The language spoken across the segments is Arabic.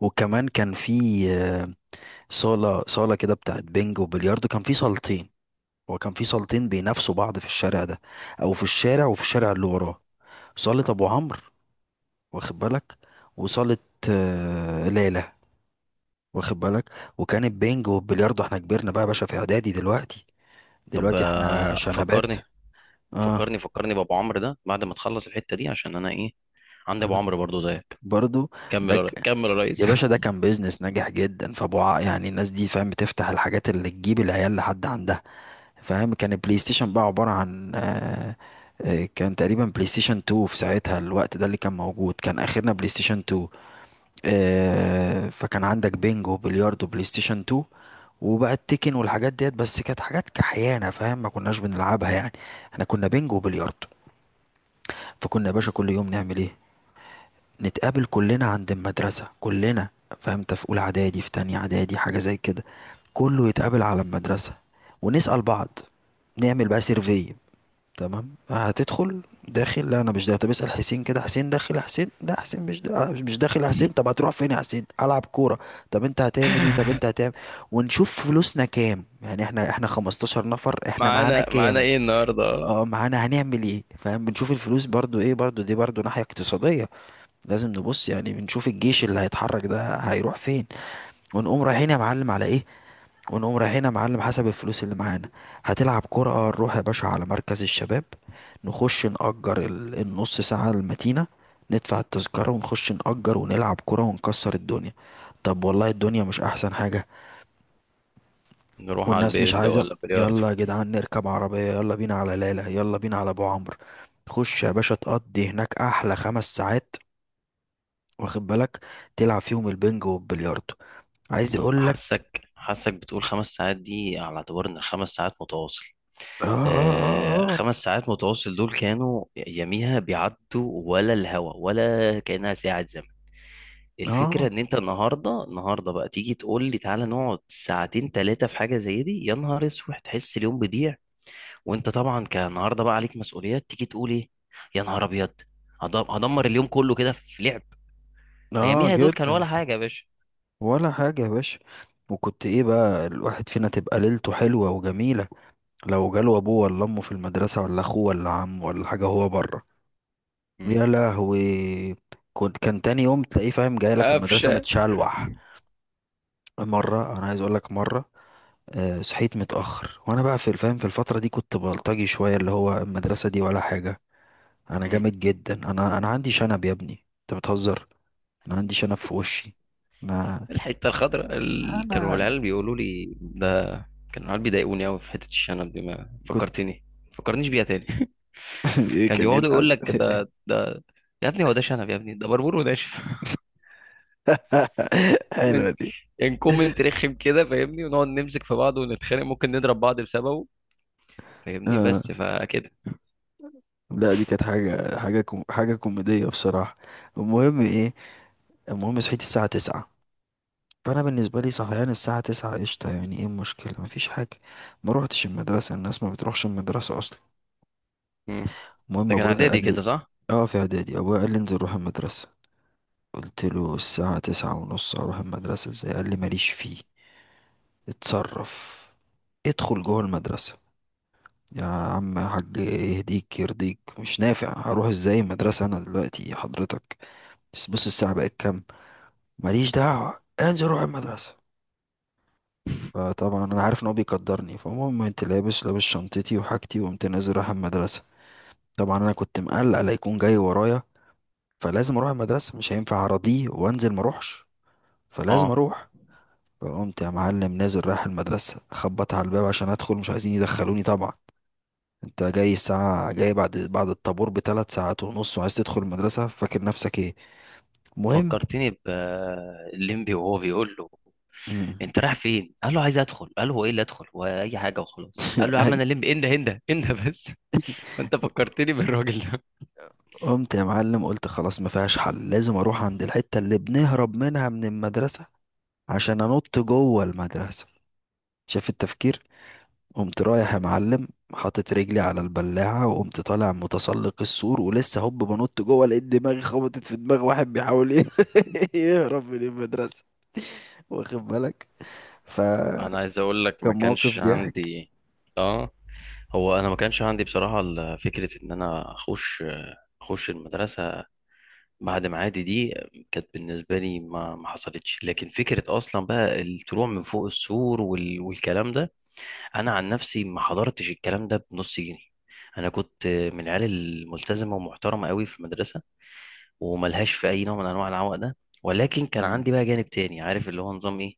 وكمان كان في آه، صالة صالة كده بتاعت بينج وبلياردو. كان في صالتين. هو كان في صالتين بينافسوا بعض في الشارع ده، أو في الشارع وفي الشارع اللي وراه. صالة أبو عمرو، واخد بالك، وصالة ليلى، واخد بالك. وكان البينج والبلياردو، احنا كبرنا بقى يا باشا، في إعدادي دلوقتي. طب دلوقتي احنا شنبات. فكرني اه، فكرني فكرني بابو عمرو ده بعد ما تخلص الحتة دي عشان انا ايه. عندي ابو عمرو برضو زيك. برضو. ده ك... كمل يا يا ريس. باشا، ده كان بيزنس ناجح جدا، يعني الناس دي، فاهم، بتفتح الحاجات اللي تجيب العيال لحد عندها. فاهم، كان البلاي ستيشن بقى عبارة عن كان تقريبا بلاي ستيشن 2 في ساعتها، الوقت ده اللي كان موجود، كان اخرنا بلاي ستيشن 2. فكان عندك بينجو، بلياردو، بلاي ستيشن 2. وبقى التيكن والحاجات ديت، بس كانت حاجات كحيانة، فاهم، ما كناش بنلعبها يعني. احنا كنا بينجو وبلياردو. فكنا يا باشا كل يوم نعمل ايه؟ نتقابل كلنا عند المدرسة كلنا، فهمت، في اولى اعدادي، في تانية اعدادي حاجة زي كده. كله يتقابل على المدرسة ونسأل بعض، نعمل بقى سيرفي. تمام، هتدخل؟ داخل؟ لا، انا مش داخل. طب اسال حسين كده. حسين داخل؟ يا حسين، لا حسين مش داخل. يا حسين، طب هتروح فين يا حسين؟ العب كوره. طب انت هتعمل ايه؟ طب انت هتعمل. ونشوف فلوسنا كام، يعني احنا 15 نفر، احنا معانا معانا كام؟ ايه النهارده؟ اه، معانا، هنعمل ايه؟ فاهم، بنشوف الفلوس برضو، ايه برضو، دي برضو ناحيه اقتصاديه، لازم نبص يعني. بنشوف الجيش اللي هيتحرك ده هيروح فين، ونقوم رايحين يا معلم على ايه. ونقوم رايحين يا معلم حسب الفلوس اللي معانا. هتلعب كرة؟ نروح يا باشا على مركز الشباب. نخش نأجر النص ساعة المتينة، ندفع التذكرة ونخش نأجر ونلعب كرة ونكسر الدنيا. طب والله الدنيا مش أحسن حاجة؟ نروح على والناس مش البرجا عايزة. ولا بلياردو؟ يلا يا جدعان نركب عربية، يلا بينا على ليلى، يلا بينا على أبو عمرو. خش يا باشا تقضي هناك أحلى 5 ساعات، واخد بالك، تلعب فيهم البنج والبلياردو. عايز م- أقولك. حاسك حاسك بتقول 5 ساعات دي على اعتبار ان الـ 5 ساعات متواصل. آه، آه، آه. 5 ساعات متواصل دول كانوا يميها بيعدوا ولا الهوا ولا كأنها ساعة. آه، الفكرة آه. ان انت النهاردة بقى تيجي تقول لي تعالى نقعد ساعتين تلاتة في حاجة زي دي، يا نهار اسود، تحس اليوم بيضيع. وانت طبعا كنهاردة بقى عليك مسؤوليات تيجي تقول ايه، يا نهار ابيض، هدمر اليوم كله كده في لعب. آه، آه، اياميها دول كان جدا. ولا حاجة يا باشا. ولا حاجة يا باشا. وكنت ايه بقى، الواحد فينا تبقى ليلته حلوة وجميلة لو جاله ابوه ولا امه في المدرسة، ولا اخوه ولا عمه ولا حاجة، هو بره. مم. يا لهوي. كنت كان تاني يوم تلاقيه، فاهم، جاي لك المدرسة قفشة. متشلوح. مرة انا عايز اقول لك مرة، صحيت متأخر. وانا بقى في الفهم في الفترة دي كنت بلطجي شوية، اللي هو المدرسة دي ولا حاجة، انا مم. جامد جدا، انا عندي شنب يا ابني انت بتهزر، انا عندي شنب في وشي، انا الحتة الخضراء كانوا انا العيال بيقولوا لي ده. كانوا العيال بيضايقوني قوي في حتة الشنب دي، ما فكرتني، فكرنيش بيها تاني. ايه كان كان ايه يقعدوا يقول لك ده. يا ابني هو ده شنب؟ يا ابني ده بربور وناشف. حلوه كومنت. دي. يعني كومنت رخم كده فاهمني، ونقعد نمسك في بعض ونتخانق، ممكن نضرب بعض بسببه. فاهمني اه، بس فكده. لا دي كانت حاجه حاجه كوميديه بصراحه. المهم ايه؟ المهم صحيت الساعه 9. فانا بالنسبه لي صحيان الساعه 9 قشطه، يعني ايه المشكله، مفيش حاجه. ما روحتش المدرسه، الناس ما بتروحش المدرسه اصلا. مم. المهم ده كان ابويا قال اعدادي كده لي، صح؟ اه في اعدادي، ابويا قال لي انزل روح المدرسه. قلت له الساعه 9 ونص اروح المدرسه ازاي؟ قال لي ماليش فيه، اتصرف، ادخل جوه المدرسه. يا عم يا حاج يهديك يرضيك، مش نافع، هروح ازاي المدرسة انا دلوقتي حضرتك؟ بس بص الساعة بقت كام. ماليش دعوة، انزل روح المدرسة. فطبعا انا عارف ان هو بيقدرني، فالمهم، انت لابس، لابس شنطتي وحاجتي، وقمت نازل رايح المدرسة. طبعا انا كنت مقلق لا يكون جاي ورايا، فلازم اروح المدرسة، مش هينفع اراضيه وانزل ما اروحش، فلازم اه اروح. فقمت يا معلم نازل رايح المدرسة، خبط على الباب عشان ادخل، مش عايزين يدخلوني طبعا. انت جاي الساعة، جاي بعد الطابور بثلاث ساعات ونص وعايز تدخل المدرسة، فاكر نفسك ايه؟ المهم فكرتني بليمبي وهو بيقول له انت رايح فين؟ قال له عايز ادخل. قال له هو ايه اللي ادخل واي حاجه وخلاص. قال له يا عم أي- انا ليمبي، انده انده انده بس. فانت فكرتني بالراجل ده. قمت يا معلم قلت خلاص، ما فيهاش حل، لازم اروح عند الحتة اللي بنهرب منها من المدرسة عشان انط جوه المدرسة. شايف التفكير. قمت رايح يا معلم، حاطط رجلي على البلاعة وقمت طالع متسلق السور، ولسه هوب بنط جوه لقيت دماغي خبطت في دماغ واحد بيحاول ايه يهرب من المدرسة. واخد بالك. فكان انا عايز اقول لك ما موقف كانش ضحك. عندي. اه هو انا ما كانش عندي بصراحه فكره ان انا اخش، اخش المدرسه بعد معادي دي، كانت بالنسبة لي ما حصلتش. لكن فكرة أصلا بقى الطلوع من فوق السور والكلام ده، أنا عن نفسي ما حضرتش الكلام ده بنص جنيه. أنا كنت من العيال الملتزمة ومحترمة قوي في المدرسة، وملهاش في أي نوع من أنواع العوق ده. ولكن كان عندي بقى جانب تاني، عارف اللي هو نظام إيه،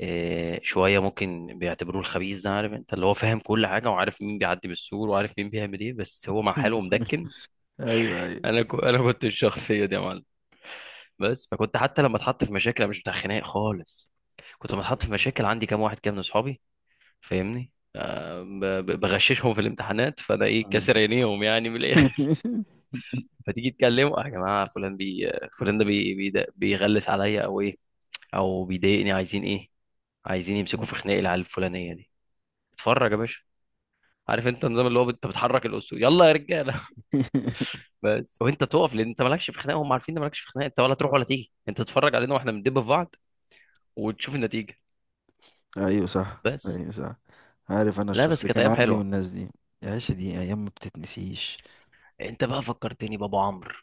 شوية ممكن بيعتبروه الخبيث ده، عارف أنت اللي هو فاهم كل حاجة وعارف مين بيعدي من السور وعارف مين بيعمل إيه بس هو مع حاله مدكن. ايوه، ايوه. أنا كنت الشخصية دي يا معلم. بس فكنت حتى لما اتحط في مشاكل أنا مش بتاع خناق خالص. كنت لما اتحط في مشاكل عندي كام واحد كده من اصحابي، فاهمني، ب- بغششهم في الامتحانات، فانا ايه مم. كاسر عينيهم يعني من الاخر. فتيجي تكلمه يا جماعه فلان ده بي بيغلس عليا او ايه، او بيضايقني عايزين ايه، عايزين يمسكوا في خناق العيال الفلانيه دي. اتفرج يا باشا، عارف انت النظام، اللي هو انت بتحرك الاسود، يلا يا رجاله. بس وانت تقف، لان انت مالكش في خناق، هم عارفين ان مالكش في خناق انت، ولا تروح ولا تيجي، انت تتفرج علينا واحنا بندب في بعض وتشوف النتيجه. ايوه صح، بس. ايوه صح. عارف انا لا الشخص بس ده كانت كان ايام عندي من حلوه. الناس دي. يا عيشة، دي ايام ما بتتنسيش. انت بقى فكرتني بابو عمرو.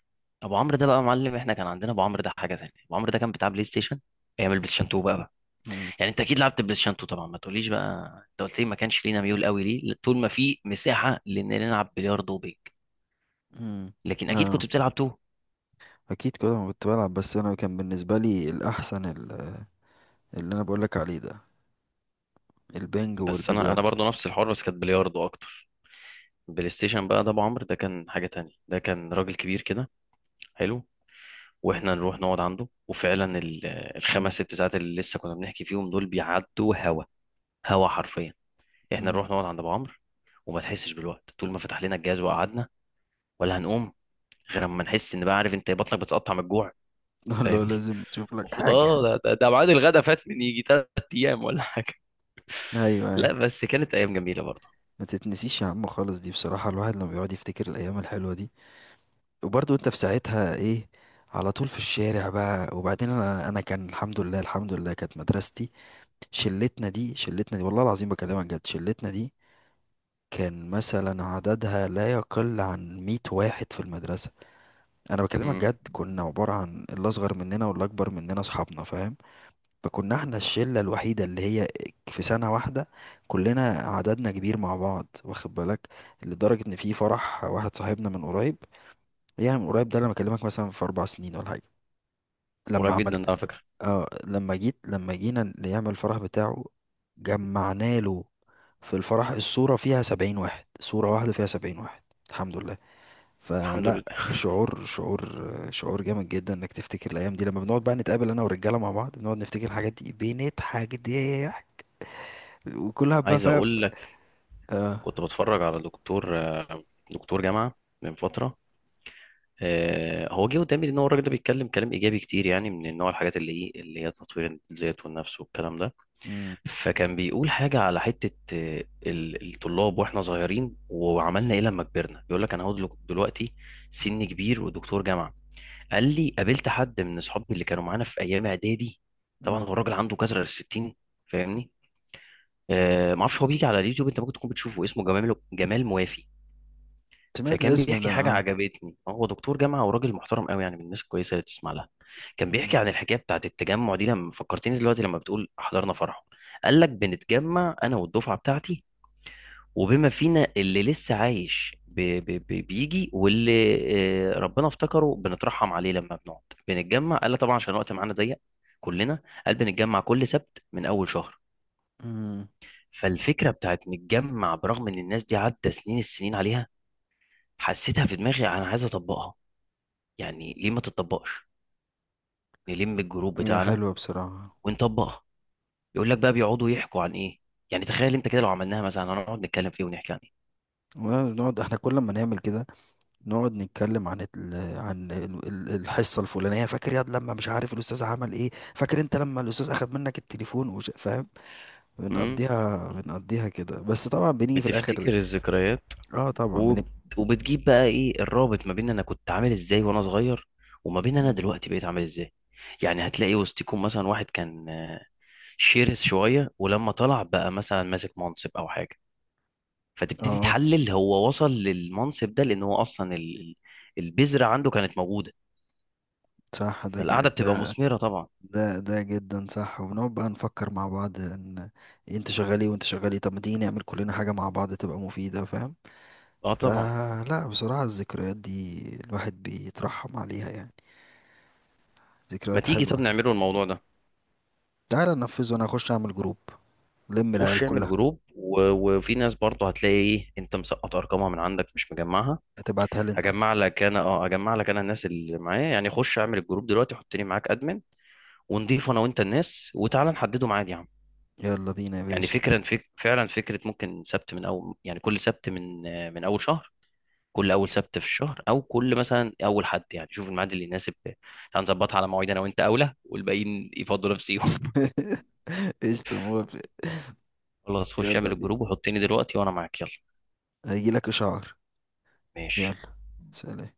ابو عمرو ده بقى معلم. احنا كان عندنا ابو عمرو ده حاجه تانية. ابو عمرو ده كان بتاع بلاي ستيشن ايام البلاي ستيشن 2 بقى. مم. يعني انت اكيد لعبت بلاي ستيشن 2 طبعا، ما تقوليش بقى. انت قلت لي ما كانش لينا ميول قوي ليه طول ما في مساحه لان نلعب بلياردو وبينج. مم. لكن اكيد اه. كنت بتلعب 2. اكيد كده ما كنت بلعب، بس انا كان بالنسبه لي الاحسن اللي انا بقول لك عليه ده، البنج بس انا والبلياردو. برضو نفس الحوار بس كانت بلياردو اكتر. بلاي ستيشن بقى، ده ابو عمرو ده كان حاجه تانية. ده كان راجل كبير كده حلو. واحنا نروح نقعد عنده، وفعلا الخمس مم. ست ساعات اللي لسه كنا بنحكي فيهم دول بيعدوا هوا، هوا حرفيا. احنا مم. نروح نقعد عند ابو عمرو وما تحسش بالوقت، طول ما فتح لنا الجهاز وقعدنا، ولا هنقوم غير اما نحس ان بقى عارف انت بطنك بتقطع من الجوع اللي هو فاهمني. لازم تشوف لك المفروض اه حاجه. ده ميعاد الغدا فات من يجي 3 ايام ولا حاجه. ايوه، ايوه. لا بس كانت ايام جميله برضه. ما تتنسيش يا عم خالص، دي بصراحه الواحد لما بيقعد يفتكر الايام الحلوه دي. وبرضه انت في ساعتها ايه، على طول في الشارع بقى. وبعدين انا كان الحمد لله، الحمد لله كانت مدرستي. شلتنا دي، شلتنا دي، والله العظيم بكلمك جد، شلتنا دي كان مثلا عددها لا يقل عن 100 واحد في المدرسة. انا بكلمك امم جد، كنا عبارة عن اللي اصغر مننا واللي اكبر مننا اصحابنا، فاهم. فكنا احنا الشلة الوحيدة اللي هي في سنة واحدة كلنا، عددنا كبير مع بعض، واخد بالك. لدرجة ان في فرح واحد صاحبنا من قريب، يعني من قريب ده انا بكلمك مثلا في 4 سنين ولا حاجة، لما قريب جدا عملت، على فكره. اه لما جيت، لما جينا نعمل الفرح بتاعه، جمعنا له في الفرح، الصورة فيها 70 واحد، صورة واحدة فيها 70 واحد، الحمد لله. الحمد فلا، لله. شعور شعور شعور جامد جدا انك تفتكر الايام دي. لما بنقعد بقى نتقابل انا والرجالة مع بعض، بنقعد نفتكر الحاجات دي، بنضحك ضحك، وكلها بقى، عايز فاهم. اقول لك اه. كنت بتفرج على دكتور جامعه من فتره. هو جه قدامي ان هو الراجل ده بيتكلم كلام ايجابي كتير، يعني من نوع الحاجات اللي ايه اللي هي تطوير الذات والنفس والكلام ده. مم. فكان بيقول حاجة على حتة الطلاب، واحنا صغيرين وعملنا ايه لما كبرنا. بيقول لك انا هو دلوقتي سني كبير ودكتور جامعة. قال لي قابلت حد من اصحابي اللي كانوا معانا في ايام اعدادي. طبعا هو مم. الراجل عنده كسر 60 فاهمني. ما اعرفش هو بيجي على اليوتيوب، انت ممكن تكون بتشوفه، اسمه جمال موافي. سمعت فكان الاسم ده، بيحكي حاجة اه. عجبتني، هو دكتور جامعة وراجل محترم قوي يعني من الناس الكويسة اللي تسمع لها. كان بيحكي مم. عن الحكاية بتاعت التجمع دي، لما فكرتني دلوقتي لما بتقول حضرنا فرحه. قال لك بنتجمع أنا والدفعة بتاعتي، وبما فينا اللي لسه عايش بيجي، واللي ربنا افتكره بنترحم عليه لما بنقعد بنتجمع. قال لك طبعا عشان الوقت معانا ضيق كلنا، قال بنتجمع كل سبت من أول شهر. مم. فالفكرة بتاعت نتجمع برغم إن الناس دي عدى سنين، السنين عليها، حسيتها في دماغي أنا عايز أطبقها. يعني ليه ما تطبقش، نلم الجروب هي بتاعنا حلوة بصراحة. ونطبقها. يقول لك بقى بيقعدوا يحكوا عن ايه، يعني تخيل انت كده لو عملناها مثلا هنقعد نتكلم فيه ونحكي عن ايه. ونقعد احنا كل ما نعمل كده، نقعد نتكلم عن الحصه الفلانيه، فاكر ياد لما مش عارف الاستاذ عمل ايه، فاكر انت لما الاستاذ اخذ منك التليفون فاهم. امم بنقضيها، بنقضيها كده، بس طبعا بنيجي في الاخر. بتفتكر الذكريات. اه طبعا وب... وبتجيب بقى ايه الرابط ما بين انا كنت عامل ازاي وانا صغير وما بين انا مم. دلوقتي بقيت عامل ازاي. يعني هتلاقي وسطكم مثلا واحد كان شرس شوية، ولما طلع بقى مثلا ماسك منصب او حاجة، فتبتدي اه تحلل هو وصل للمنصب ده لان هو اصلا البذرة عنده كانت موجودة. صح. ده ج... فالقعدة بتبقى ده مثمرة طبعا. ده ده جدا صح. وبنقعد بقى نفكر مع بعض ان، إيه، انت شغال ايه وانت شغال ايه، طب ما تيجي نعمل كلنا حاجه مع بعض تبقى مفيده، فاهم. اه طبعا. فلا بصراحه الذكريات دي الواحد بيترحم عليها يعني، ما ذكريات تيجي طب حلوه. نعمله الموضوع ده. تعالى ننفذ، وانا اخش اعمل جروب، لم العيال خش اعمل كلها. جروب وفي ناس برضه هتلاقي ايه انت مسقط ارقامها من عندك مش مجمعها. هتبعتها لي انت. هجمع لك انا الناس اللي معايا، يعني خش اعمل الجروب دلوقتي حطني معاك ادمن، ونضيف انا وانت الناس، وتعالى نحدده ميعاد يا عم. يلا بينا يا يعني باشا. فعلا فكرة ممكن سبت من اول، يعني كل سبت من اول شهر، كل اول سبت في الشهر او كل مثلا اول حد، يعني شوف الميعاد اللي يناسب، تعال نظبطها على مواعيد. انا وانت اولى والباقيين يفضلوا نفسي. قشطة، موافق. خلاص خش يلا اعمل بينا. الجروب وحطني دلوقتي، وانا معاك يلا. هيجيلك إشعار. يلا. ماشي. سلام.